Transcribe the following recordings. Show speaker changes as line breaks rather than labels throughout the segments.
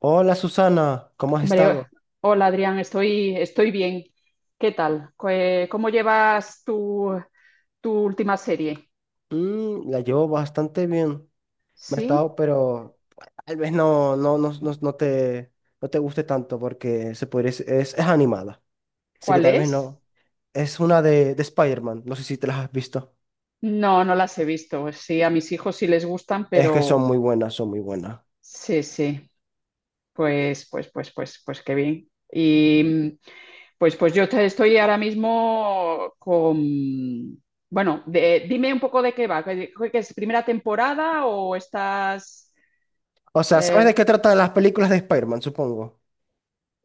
Hola Susana, ¿cómo has
Hombre,
estado?
hola Adrián, estoy bien. ¿Qué tal? ¿Cómo llevas tu última serie?
La llevo bastante bien. Me ha
¿Sí?
estado, pero tal vez no te guste tanto porque se podría, es animada. Así que
¿Cuál
tal vez
es?
no. Es una de Spider-Man. No sé si te las has visto.
No, no las he visto. Sí, a mis hijos sí les gustan,
Es que son
pero
muy buenas, son muy buenas.
sí, sí. Pues qué bien. Y pues estoy ahora mismo con. Bueno, dime un poco de qué va. ¿Qué es primera temporada o estás?
O sea, ¿sabes de
eh,
qué tratan las películas de Spider-Man, supongo?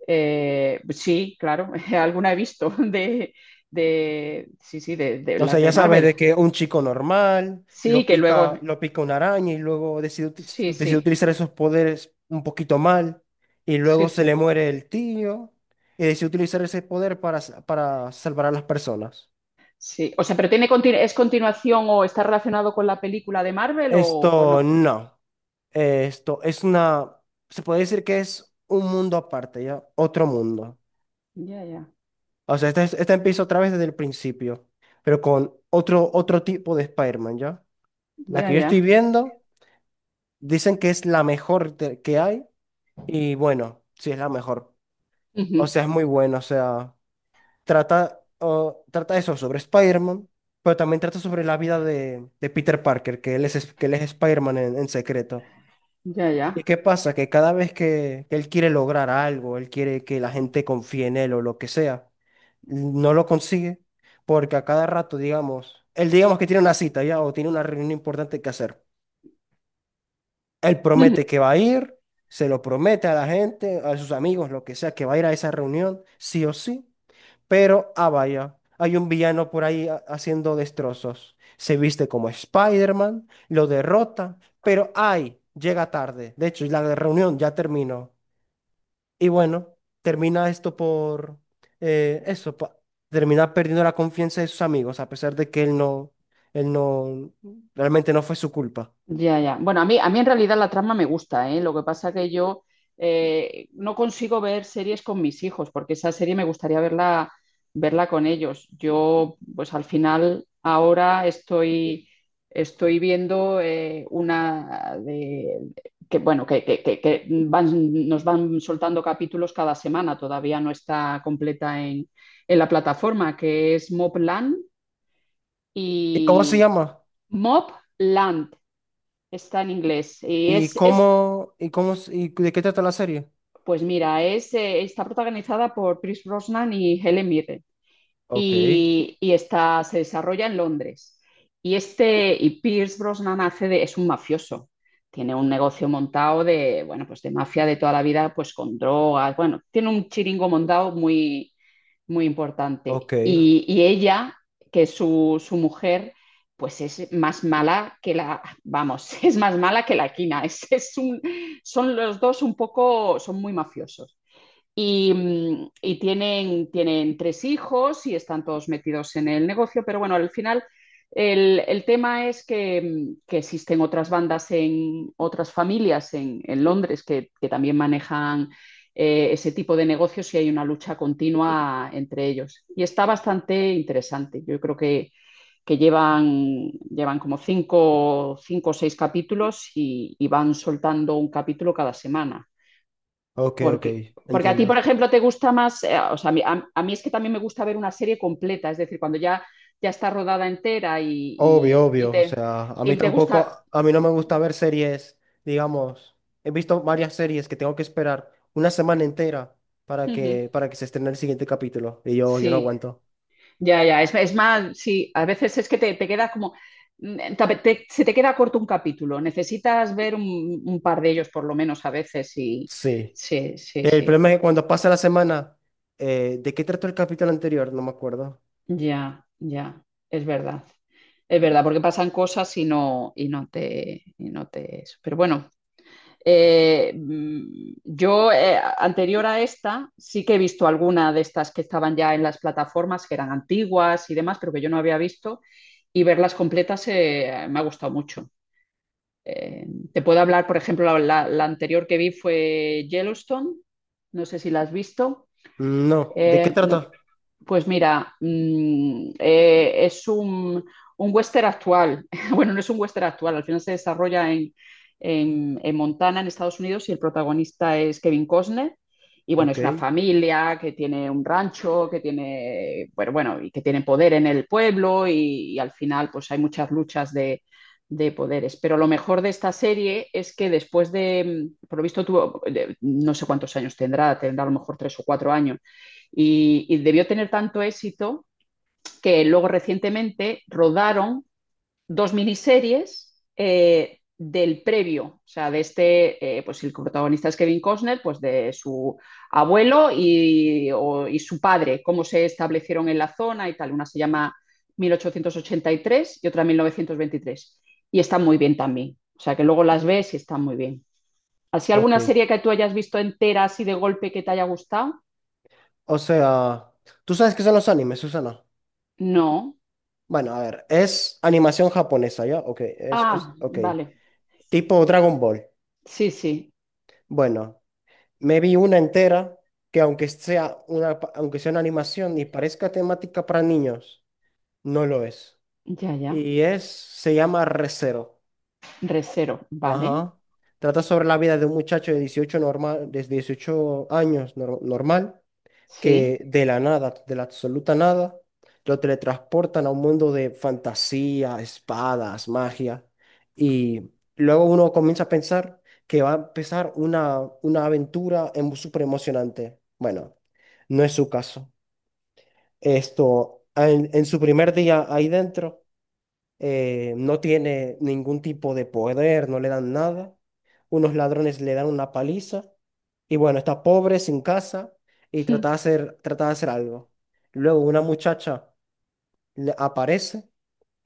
Sí, claro, alguna he visto de sí, sí, de
O sea,
las
ya
de
sabes
Marvel.
de que un chico normal
Sí, que luego,
lo pica una araña y luego
sí,
decide
sí,
utilizar esos poderes un poquito mal y
sí,
luego se le
sí,
muere el tío y decide utilizar ese poder para, para salvar a las personas.
sí. O sea, pero tiene es continuación o está relacionado con la película de Marvel o no.
Esto no. Esto es una, Se puede decir que es un mundo aparte, ¿ya? Otro mundo.
Ya, ya,
O sea, este empieza otra vez desde el principio, pero con otro tipo de Spider-Man, ¿ya? La
ya,
que yo estoy
ya.
viendo. Dicen que es la mejor que hay y bueno, sí es la mejor. O
Ujú.
sea, es muy bueno, o sea, trata eso sobre Spider-Man, pero también trata sobre la vida de Peter Parker, que él que él es Spider-Man en secreto.
Ya,
¿Y
ya.
qué pasa? Que cada vez que él quiere lograr algo, él quiere que la gente confíe en él o lo que sea, no lo consigue porque a cada rato, digamos, él digamos que tiene una cita ya o tiene una reunión importante que hacer. Él promete que va a ir, se lo promete a la gente, a sus amigos, lo que sea, que va a ir a esa reunión, sí o sí. Pero, ah, vaya, hay un villano por ahí haciendo destrozos. Se viste como Spider-Man, lo derrota, pero, ay, llega tarde. De hecho, la reunión ya terminó. Y bueno, termina esto por eh, eso, pa- termina perdiendo la confianza de sus amigos, a pesar de que él no, realmente no fue su culpa.
Ya, ya. Bueno, a mí en realidad la trama me gusta, ¿eh? Lo que pasa que yo no consigo ver series con mis hijos, porque esa serie me gustaría verla, con ellos. Yo, pues al final, ahora estoy viendo una de que, bueno, nos van soltando capítulos cada semana, todavía no está completa en la plataforma, que es Mobland
¿Y cómo se
y
llama?
Mobland. Está en inglés. Y
¿Y
es
y de qué trata la serie?
pues mira, está protagonizada por Pierce Brosnan y Helen Mirren.
Ok,
Y se desarrolla en Londres. Y este, y Pierce Brosnan hace es un mafioso. Tiene un negocio montado bueno, pues de mafia de toda la vida, pues con drogas. Bueno, tiene un chiringo montado muy, muy importante.
ok,
Y ella, que es su mujer, pues es más mala que vamos, es más mala que la quina. Son los dos un poco, son muy mafiosos. Y tienen tres hijos y están todos metidos en el negocio, pero bueno, al final el tema es que existen otras bandas en otras familias en Londres que también manejan ese tipo de negocios y hay una lucha continua entre ellos. Y está bastante interesante. Yo creo que llevan como cinco o seis capítulos y van soltando un capítulo cada semana.
ok,
Porque, porque a ti, por
entiendo.
ejemplo, te gusta más, o sea, a mí es que también me gusta ver una serie completa, es decir, cuando ya está rodada entera y-
Obvio,
y
obvio, o
te,
sea, a
y
mí
te gusta.
tampoco, a mí no me gusta ver series, digamos, he visto varias series que tengo que esperar una semana entera
Ujú.
para que se estrene el siguiente capítulo, y yo no
Sí,
aguanto.
ya, ya. Es más, sí, a veces es que te queda como, se te queda corto un capítulo, necesitas ver un par de ellos por lo menos a veces y
Sí.
sí, sí,
El
sí,
problema es que cuando pasa la semana, ¿de qué trató el capítulo anterior? No me acuerdo.
ya, ya, es verdad. Es verdad, porque pasan cosas y no, y no te, eso. Pero bueno, yo, anterior a esta, sí que he visto alguna de estas que estaban ya en las plataformas, que eran antiguas y demás, pero que yo no había visto, y verlas completas me ha gustado mucho. Eh, te puedo hablar, por ejemplo, la anterior que vi fue Yellowstone, no sé si la has visto.
No, ¿de qué
Eh, no-
trata?
pues mira, es un western actual. Bueno, no es un western actual, al final se desarrolla en Montana, en Estados Unidos, y el protagonista es Kevin Costner. Y bueno,
Ok,
es una familia que tiene un rancho, que tiene, bueno, bueno, y que tiene poder en el pueblo, y al final, pues hay muchas luchas de poderes. Pero lo mejor de esta serie es que después de, por lo visto, tuvo, no sé cuántos años tendrá a lo mejor 3 o 4 años y debió tener tanto éxito que luego recientemente rodaron dos miniseries del previo, o sea, de este, pues el protagonista es Kevin Costner, pues de su abuelo y, o, y, su padre, cómo se establecieron en la zona y tal. Una se llama 1883 y tres y otra 1923. Y están muy bien también. O sea, que luego las ves y están muy bien. ¿Así
ok.
alguna serie que tú hayas visto entera así de golpe que te haya gustado?
O sea, ¿tú sabes qué son los animes, Susana?
No.
Bueno, a ver, es animación japonesa, ¿ya? Ok,
Ah,
ok.
vale.
Tipo Dragon Ball.
Sí, sí,
Bueno, me vi una entera que aunque sea una, aunque sea una animación y parezca temática para niños, no lo es.
ya, ya.
Y es, se llama Re:Zero.
Resero, ¿vale?
Ajá. Trata sobre la vida de un muchacho de 18 normal, de 18 años normal,
Sí.
que de la nada, de la absoluta nada, lo teletransportan a un mundo de fantasía, espadas, magia, y luego uno comienza a pensar que va a empezar una aventura súper emocionante. Bueno, no es su caso. Esto, en su primer día ahí dentro, no tiene ningún tipo de poder, no le dan nada. Unos ladrones le dan una paliza y bueno, está pobre, sin casa y trata de hacer algo. Luego una muchacha le aparece,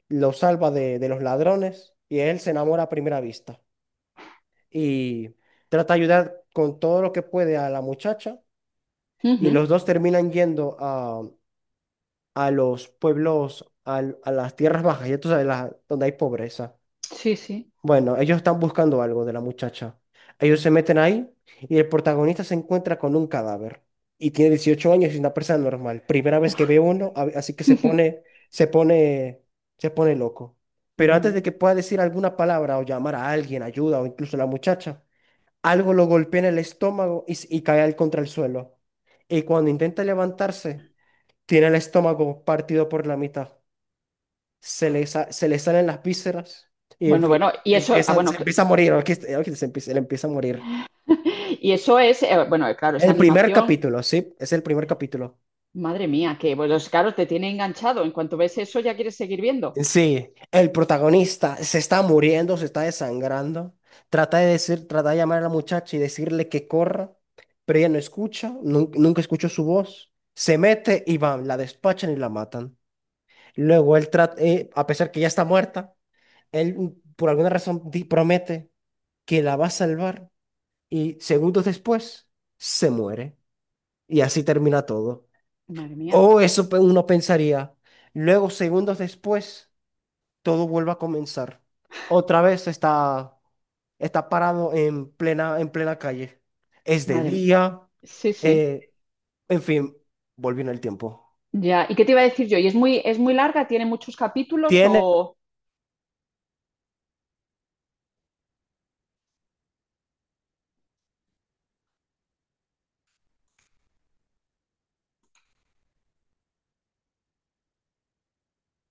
lo salva de los ladrones y él se enamora a primera vista y trata de ayudar con todo lo que puede a la muchacha y
Ujú.
los dos terminan yendo a los pueblos, las tierras bajas, ya tú sabes, donde hay pobreza.
Sí, sí.
Bueno, ellos están buscando algo de la muchacha. Ellos se meten ahí y el protagonista se encuentra con un cadáver. Y tiene 18 años y es una persona normal. Primera vez que ve uno, así que se pone, se pone loco. Pero
Ya,
antes de
ya.
que pueda decir alguna palabra o llamar a alguien, ayuda o incluso a la muchacha, algo lo golpea en el estómago y, y cae al contra el suelo. Y cuando intenta levantarse, tiene el estómago partido por la mitad, se le, se le salen las vísceras y en
Bueno,
fin,
bueno, y eso, ah, bueno,
se empieza a morir, aquí, aquí se empieza, él empieza a morir.
y eso es, bueno, claro, esa
El primer
animación,
capítulo, sí, es el primer capítulo.
madre mía, que bueno, los caros te tiene enganchado. En cuanto ves eso, ya quieres seguir viendo.
Sí, el protagonista se está muriendo, se está desangrando, trata de llamar a la muchacha y decirle que corra, pero ella no escucha, nunca escuchó su voz, se mete y van, la despachan y la matan. Luego él trata, a pesar que ya está muerta, él por alguna razón promete que la va a salvar y segundos después se muere. Y así termina todo.
Madre mía,
O eso uno pensaría. Luego, segundos después, todo vuelve a comenzar. Otra vez está parado en en plena calle. Es de
madre mía.
día.
Sí, sí.
eh, en fin, volviendo el tiempo.
Ya, ¿y qué te iba a decir yo? ¿Y es muy larga? ¿Tiene muchos capítulos?
Tiene,
O,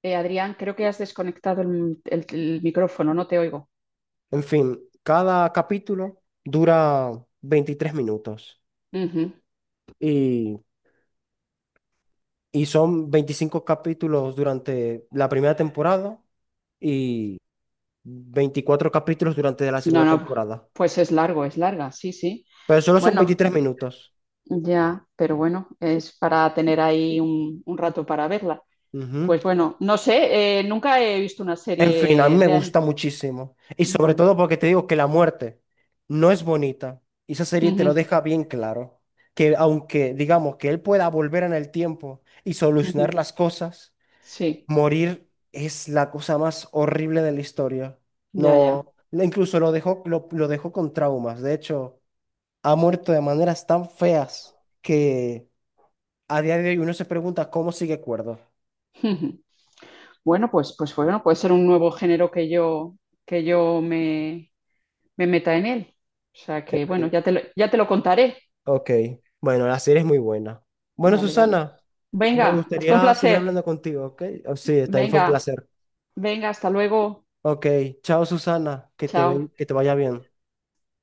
Adrián, creo que has desconectado el micrófono, no te oigo.
en fin, cada capítulo dura 23 minutos.
Ujú.
Y, y son 25 capítulos durante la primera temporada. Y 24 capítulos durante la
No,
segunda
no,
temporada.
pues es largo, es larga, sí, sí.
Pero solo son
Bueno,
23 minutos.
ya, pero bueno, es para tener ahí un rato para verla.
Ujú.
Pues bueno, no sé, nunca he visto una
En fin, a mí
serie
me gusta muchísimo. Y sobre
Bueno,
todo porque te digo que la muerte no es bonita. Y esa serie te lo
ujú,
deja bien claro. Que aunque digamos que él pueda volver en el tiempo y solucionar
ujú,
las cosas,
sí,
morir es la cosa más horrible de la historia.
ya,
No,
ya.
incluso lo dejó, lo dejó con traumas. De hecho, ha muerto de maneras tan feas que a día de hoy uno se pregunta cómo sigue cuerdo.
ujú. Bueno, pues bueno, puede ser un nuevo género que yo, me meta en él. O sea
En
que
fin,
bueno, ya te lo contaré.
ok, bueno, la serie es muy buena. Bueno,
Vale, vale.
Susana, me
Venga, fue un
gustaría seguir
placer.
hablando contigo, ¿ok? Oh, sí, también fue un
Venga,
placer.
venga, hasta luego.
Ok, chao, Susana,
Chao.
que te vaya bien.